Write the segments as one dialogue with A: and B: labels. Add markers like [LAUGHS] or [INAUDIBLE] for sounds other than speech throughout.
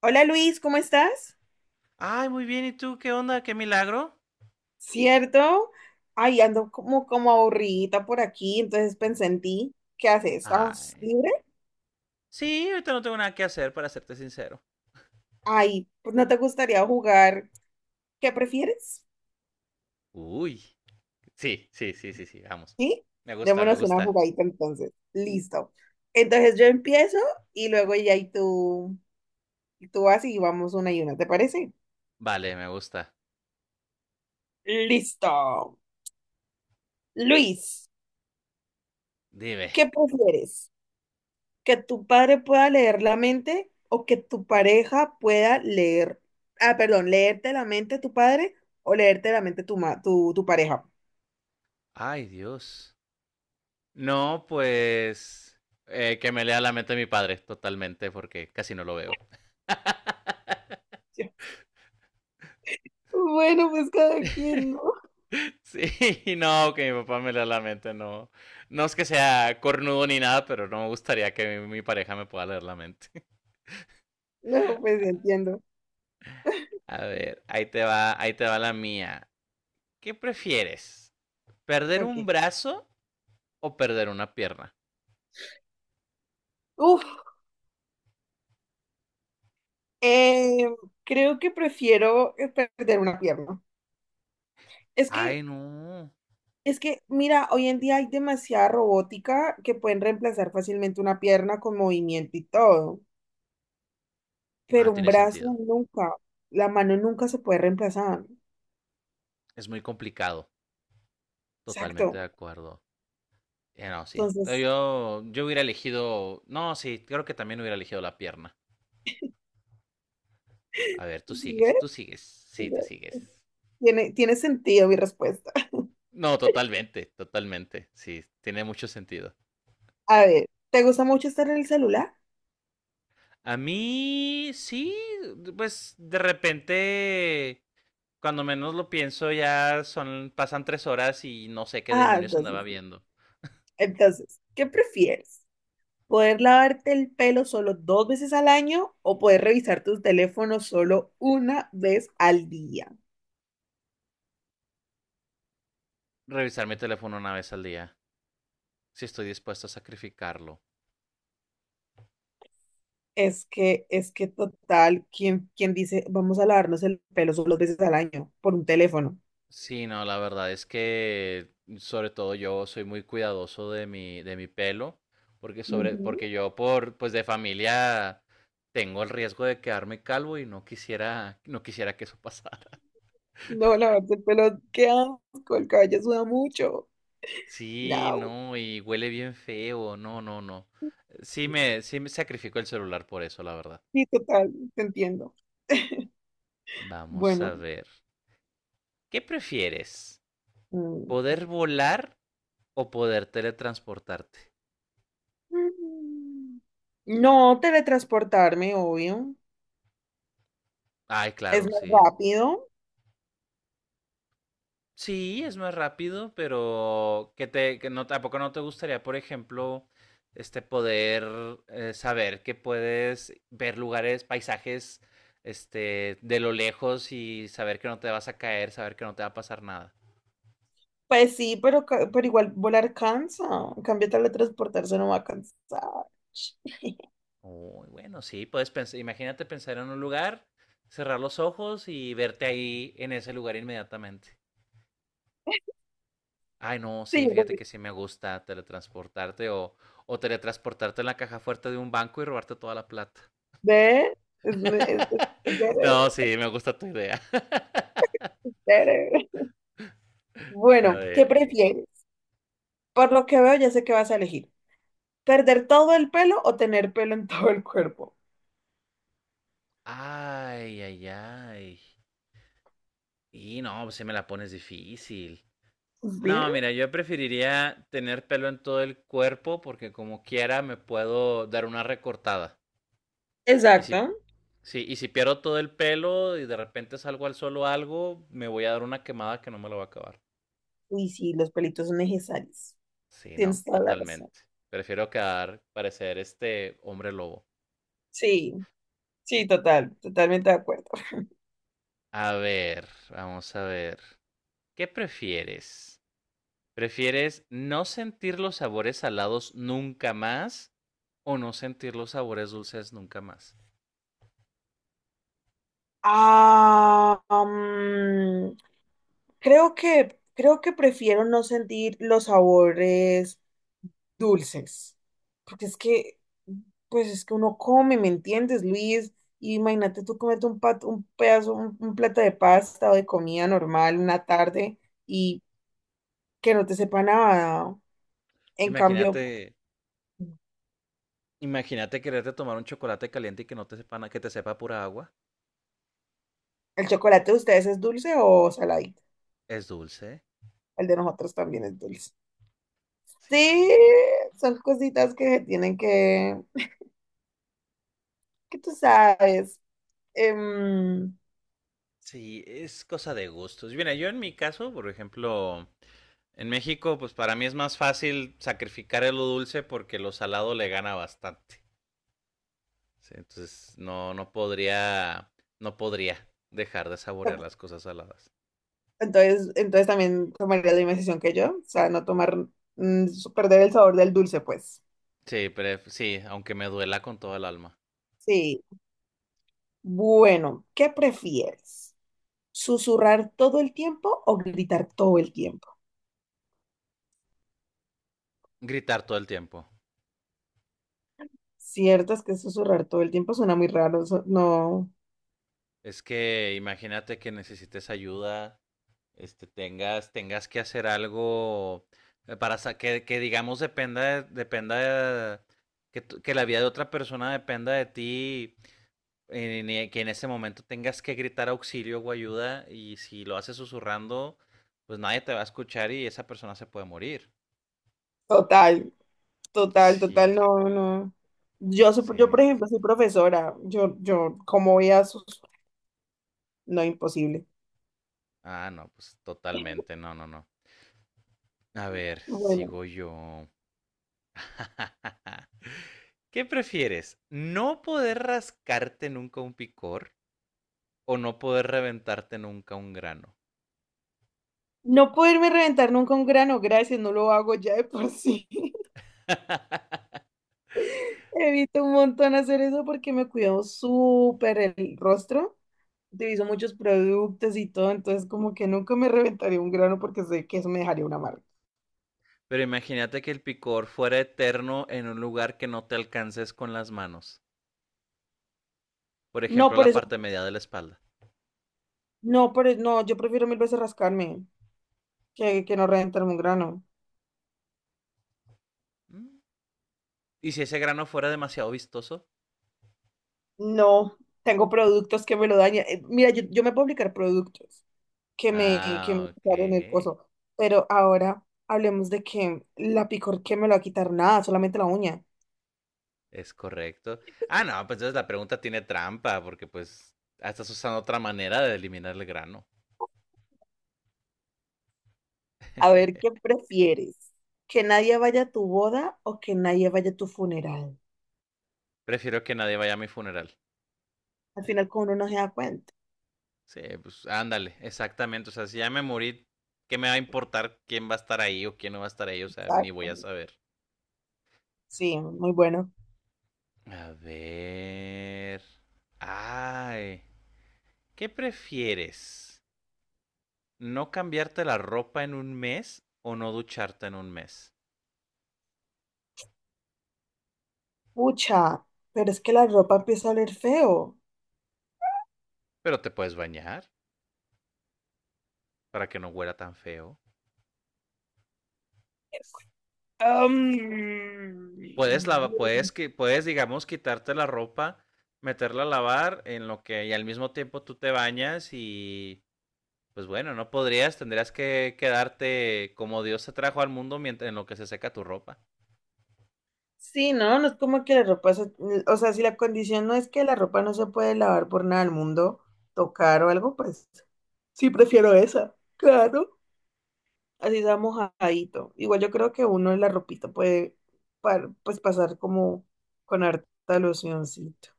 A: Hola Luis, ¿cómo estás?
B: Ay, muy bien. ¿Y tú qué onda? ¿Qué milagro?
A: ¿Cierto? Ay, ando como aburridita por aquí, entonces pensé en ti. ¿Qué haces? ¿Estás
B: Ay.
A: libre?
B: Sí, ahorita no tengo nada que hacer, para serte sincero.
A: Ay, pues no te gustaría jugar. ¿Qué prefieres?
B: Uy. Sí, sí, sí, sí, sí. Vamos.
A: ¿Sí?
B: Me gusta, me
A: Démonos una
B: gusta.
A: jugadita entonces. Listo. Entonces yo empiezo y luego ya y tú vas y vamos una y una, ¿te parece?
B: Vale, me gusta.
A: Listo. Luis,
B: Dime.
A: ¿qué prefieres? Que tu padre pueda leer la mente o que tu pareja pueda leer, perdón, leerte la mente tu padre o leerte la mente tu, tu pareja.
B: Ay, Dios. No, pues que me lea la mente de mi padre, totalmente, porque casi no lo veo. [LAUGHS]
A: Yo, bueno, pues cada quien, ¿no?
B: Sí, no, que mi papá me lea la mente, no. No es que sea cornudo ni nada, pero no me gustaría que mi pareja me pueda leer la mente.
A: No, pues entiendo.
B: A ver, ahí te va la mía. ¿Qué prefieres? ¿Perder
A: Ok.
B: un brazo o perder una pierna?
A: Uf, eh, creo que prefiero perder una pierna. Es que,
B: Ay, no.
A: es que, mira, hoy en día hay demasiada robótica que pueden reemplazar fácilmente una pierna con movimiento y todo,
B: Ah,
A: pero un
B: tiene
A: brazo
B: sentido.
A: nunca, la mano nunca se puede reemplazar.
B: Es muy complicado. Totalmente
A: Exacto.
B: de acuerdo. No, sí. No,
A: Entonces,
B: Yo hubiera elegido. No, sí, creo que también hubiera elegido la pierna. A ver, tú
A: ¿sí ves?
B: sigues, tú sigues.
A: ¿Sí
B: Sí, tú
A: ves?
B: sigues.
A: Tiene sentido mi respuesta.
B: No, totalmente, totalmente. Sí, tiene mucho sentido.
A: [LAUGHS] A ver, ¿te gusta mucho estar en el celular?
B: A mí, sí, pues de repente cuando menos lo pienso, ya son, pasan 3 horas y no sé qué
A: Ah,
B: demonios andaba
A: entonces, sí.
B: viendo.
A: ¿Qué prefieres? ¿Poder lavarte el pelo solo dos veces al año o poder revisar tus teléfonos solo una vez al día?
B: Revisar mi teléfono una vez al día, si estoy dispuesto a sacrificarlo.
A: Es que total, ¿quién, quién dice vamos a lavarnos el pelo solo dos veces al año por un teléfono?
B: Sí, no, la verdad es que sobre todo yo soy muy cuidadoso de de mi pelo, porque sobre,
A: Ujú.
B: porque yo por, pues de familia tengo el riesgo de quedarme calvo y no quisiera, no quisiera que eso [LAUGHS] pasara.
A: No, lavarse el pelo, qué asco, el cabello suda mucho.
B: Sí,
A: No.
B: no, y huele bien feo, no, no, no. Sí me sacrifico el celular por eso, la verdad.
A: Sí, total, te entiendo.
B: Vamos a
A: Bueno,
B: ver. ¿Qué prefieres?
A: mm,
B: ¿Poder volar o poder teletransportarte?
A: mm, no teletransportarme, obvio.
B: Ay,
A: Es
B: claro,
A: más
B: sí.
A: rápido.
B: Sí, es más rápido, pero que no, tampoco no te gustaría, por ejemplo, este poder saber que puedes ver lugares, paisajes, este, de lo lejos y saber que no te vas a caer, saber que no te va a pasar nada.
A: Pues sí, pero, pero igual volar cansa. En cambio, teletransportarse no va a cansar. Sí,
B: Uy, bueno, sí, puedes pensar, imagínate pensar en un lugar, cerrar los ojos y verte ahí en ese lugar inmediatamente. Ay, no, sí,
A: yo creo
B: fíjate que sí me gusta teletransportarte o teletransportarte en la caja fuerte de un banco y robarte toda la plata.
A: ve, es
B: [LAUGHS]
A: better,
B: No, sí, me gusta tu idea.
A: better.
B: [LAUGHS] A
A: Bueno, ¿qué
B: ver.
A: prefieres? Por lo que veo, ya sé qué vas a elegir. ¿Perder todo el pelo o tener pelo en [LAUGHS] todo el cuerpo?
B: Ay, ay, ay. Y no, pues sí me la pones difícil.
A: Sí,
B: No, mira, yo preferiría tener pelo en todo el cuerpo porque como quiera me puedo dar una recortada. Y si,
A: exacto.
B: sí, y si pierdo todo el pelo y de repente salgo al solo algo, me voy a dar una quemada que no me lo va a acabar.
A: Uy, sí, los pelitos son necesarios.
B: Sí, no,
A: Tienes toda la razón.
B: totalmente. Prefiero quedar, parecer este hombre lobo.
A: Sí, sí, total, totalmente de acuerdo.
B: A ver, vamos a ver. ¿Qué prefieres? ¿Prefieres no sentir los sabores salados nunca más o no sentir los sabores dulces nunca más?
A: Ah, creo que prefiero no sentir los sabores dulces, porque es que, pues es que uno come, ¿me entiendes, Luis? Y imagínate tú comerte un pedazo, un plato de pasta o de comida normal una tarde y que no te sepa nada. En cambio,
B: Imagínate, imagínate quererte tomar un chocolate caliente y que no te sepa, que te sepa pura agua.
A: ¿el chocolate de ustedes es dulce o saladito?
B: Es dulce.
A: El de nosotros también es dulce. Sí,
B: Sí,
A: son cositas que se tienen que tú sabes. Em,
B: sí, es cosa de gustos. Mira, yo en mi caso, por ejemplo, en México, pues para mí es más fácil sacrificar el lo dulce porque lo salado le gana bastante. ¿Sí? Entonces, no, no podría, no podría dejar de saborear las cosas saladas.
A: entonces, también tomaría la misma decisión que yo, o sea, no tomar, mm, perder el sabor del dulce, pues.
B: Sí, pero sí, aunque me duela con todo el alma.
A: Sí. Bueno, ¿qué prefieres? ¿Susurrar todo el tiempo o gritar todo el tiempo?
B: Gritar todo el tiempo.
A: Cierto es que susurrar todo el tiempo suena muy raro, eso- no.
B: Es que imagínate que necesites ayuda, este, tengas, tengas que hacer algo para que digamos dependa, dependa de, que, que la vida de otra persona dependa de ti, que en ese momento tengas que gritar auxilio o ayuda y si lo haces susurrando, pues nadie te va a escuchar y esa persona se puede morir.
A: Total, total,
B: Sí,
A: total, no, no. Yo,
B: sí.
A: por ejemplo, soy profesora, yo, ¿cómo voy a sus... No, imposible.
B: Ah, no, pues totalmente, no, no, no. A ver,
A: Bueno,
B: sigo yo. [LAUGHS] ¿Qué prefieres? ¿No poder rascarte nunca un picor o no poder reventarte nunca un grano?
A: no poderme reventar nunca un grano, gracias, no lo hago ya de por sí. [LAUGHS] Evito un montón hacer eso porque me cuido súper el rostro. Utilizo muchos productos y todo, entonces como que nunca me reventaría un grano porque sé que eso me dejaría una marca.
B: Pero imagínate que el picor fuera eterno en un lugar que no te alcances con las manos. Por
A: No
B: ejemplo,
A: por
B: la
A: eso,
B: parte media de la espalda.
A: no por eso, no, yo prefiero mil veces rascarme que no reventarme un grano.
B: Mm. ¿Y si ese grano fuera demasiado vistoso?
A: No, tengo productos que me lo dañan. Mira, yo me puedo aplicar productos que me
B: Ah, ok.
A: quitara en el coso. Pero ahora hablemos de que la picor que me lo va a quitar nada, solamente la uña.
B: Es correcto. Ah, no, pues entonces la pregunta tiene trampa, porque pues ah, estás usando otra manera de eliminar el grano.
A: A ver,
B: [LAUGHS]
A: ¿qué prefieres? ¿Que nadie vaya a tu boda o que nadie vaya a tu funeral?
B: Prefiero que nadie vaya a mi funeral.
A: Al final, como uno no se da cuenta.
B: Sí, pues ándale, exactamente. O sea, si ya me morí, ¿qué me va a importar quién va a estar ahí o quién no va a estar ahí? O sea, ni voy
A: Exacto.
B: a saber.
A: Sí, muy bueno.
B: A ver. Ay, ¿qué prefieres? ¿No cambiarte la ropa en un mes o no ducharte en un mes?
A: Pucha, pero es que la ropa empieza a oler feo.
B: Pero te puedes bañar para que no huela tan feo.
A: Am,
B: Puedes, puedes, puedes, digamos, quitarte la ropa, meterla a lavar, en lo que y al mismo tiempo tú te bañas y, pues bueno, no podrías, tendrías que quedarte como Dios te trajo al mundo mientras, en lo que se seca tu ropa.
A: Sí, ¿no? No es como que la ropa, se- o sea, si la condición no es que la ropa no se puede lavar por nada del mundo, tocar o algo, pues sí prefiero esa, [LAUGHS] claro. Así sea mojadito. Igual yo creo que uno la ropita puede pues pasar como con harta locioncito.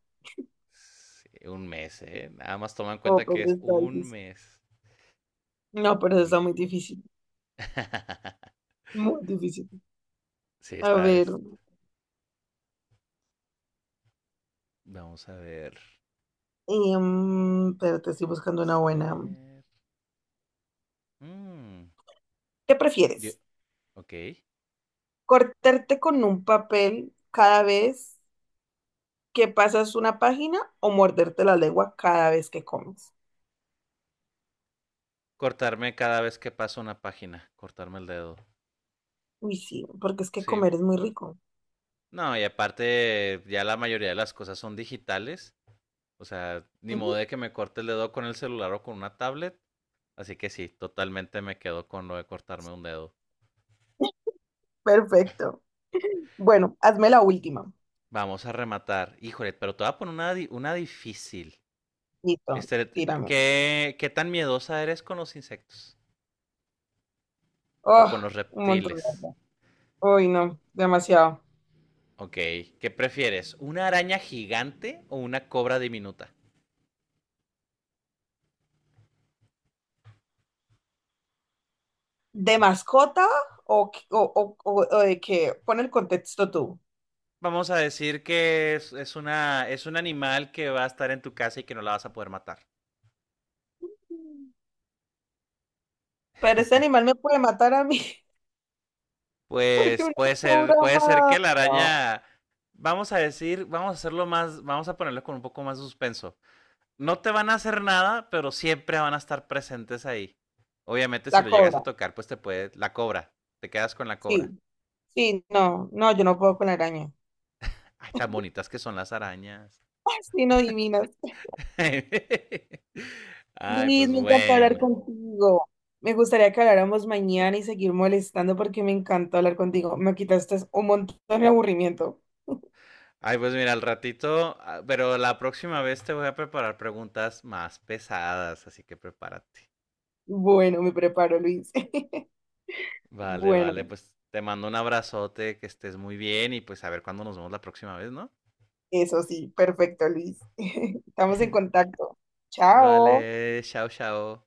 B: Sí, un mes, ¿eh? Nada más toma en
A: Oh,
B: cuenta
A: pero
B: que
A: eso
B: es
A: está
B: un
A: difícil.
B: mes.
A: No, pero eso
B: Y...
A: está muy difícil,
B: [LAUGHS]
A: muy difícil.
B: sí,
A: A
B: está.
A: ver,
B: Vamos a ver,
A: pero te estoy buscando una
B: vamos a
A: buena.
B: ver. Mm,
A: ¿Qué
B: yo-
A: prefieres?
B: ok.
A: ¿Cortarte con un papel cada vez que pasas una página o morderte la lengua cada vez que comes?
B: Cortarme cada vez que paso una página, cortarme el dedo.
A: Uy, sí, porque es que
B: Sí.
A: comer es muy rico.
B: No, y aparte, ya la mayoría de las cosas son digitales. O sea, ni modo
A: Ujú.
B: de que me corte el dedo con el celular o con una tablet. Así que sí, totalmente me quedo con lo de cortarme un dedo.
A: [LAUGHS] Perfecto. Bueno, hazme la última.
B: Vamos a rematar. Híjole, pero te voy a poner una difícil.
A: Listo,
B: Este,
A: tírame.
B: ¿qué tan miedosa eres con los insectos? ¿O
A: Oh,
B: con los
A: un montón de
B: reptiles?
A: cosas. Uy, no, demasiado.
B: Ok. ¿Qué prefieres? ¿Una araña gigante o una cobra diminuta?
A: ¿De mascota o, o, o de qué? Pon el contexto tú.
B: Vamos a decir que es una, es un animal que va a estar en tu casa y que no la vas a poder matar.
A: Pero ese animal me puede matar a mí, [LAUGHS] porque
B: Pues
A: una cobra
B: puede ser que
A: mata.
B: la
A: No,
B: araña, vamos a decir, vamos a hacerlo más, vamos a ponerlo con un poco más de suspenso. No te van a hacer nada, pero siempre van a estar presentes ahí. Obviamente si
A: la
B: lo llegas
A: cobra,
B: a tocar, pues te puede, la cobra, te quedas con la cobra.
A: sí. Sí, no, no, yo no puedo con la araña.
B: Ay, tan bonitas que son las arañas.
A: [LAUGHS] Ay, sí, no adivinas.
B: [LAUGHS] Ay,
A: Luis,
B: pues
A: me encantó hablar
B: bueno.
A: contigo. Me gustaría que habláramos mañana y seguir molestando porque me encantó hablar contigo. Me quitaste un montón de aburrimiento.
B: Ay, pues mira, al ratito, ah, pero la próxima vez te voy a preparar preguntas más pesadas, así que prepárate.
A: Bueno, me preparo, Luis. [LAUGHS]
B: Vale,
A: Bueno,
B: vale, pues te mando un abrazote, que estés muy bien y pues a ver cuándo nos vemos la próxima vez, ¿no?
A: eso sí, perfecto, Luis. [LAUGHS] Estamos en contacto. Chao.
B: Vale, chao, chao.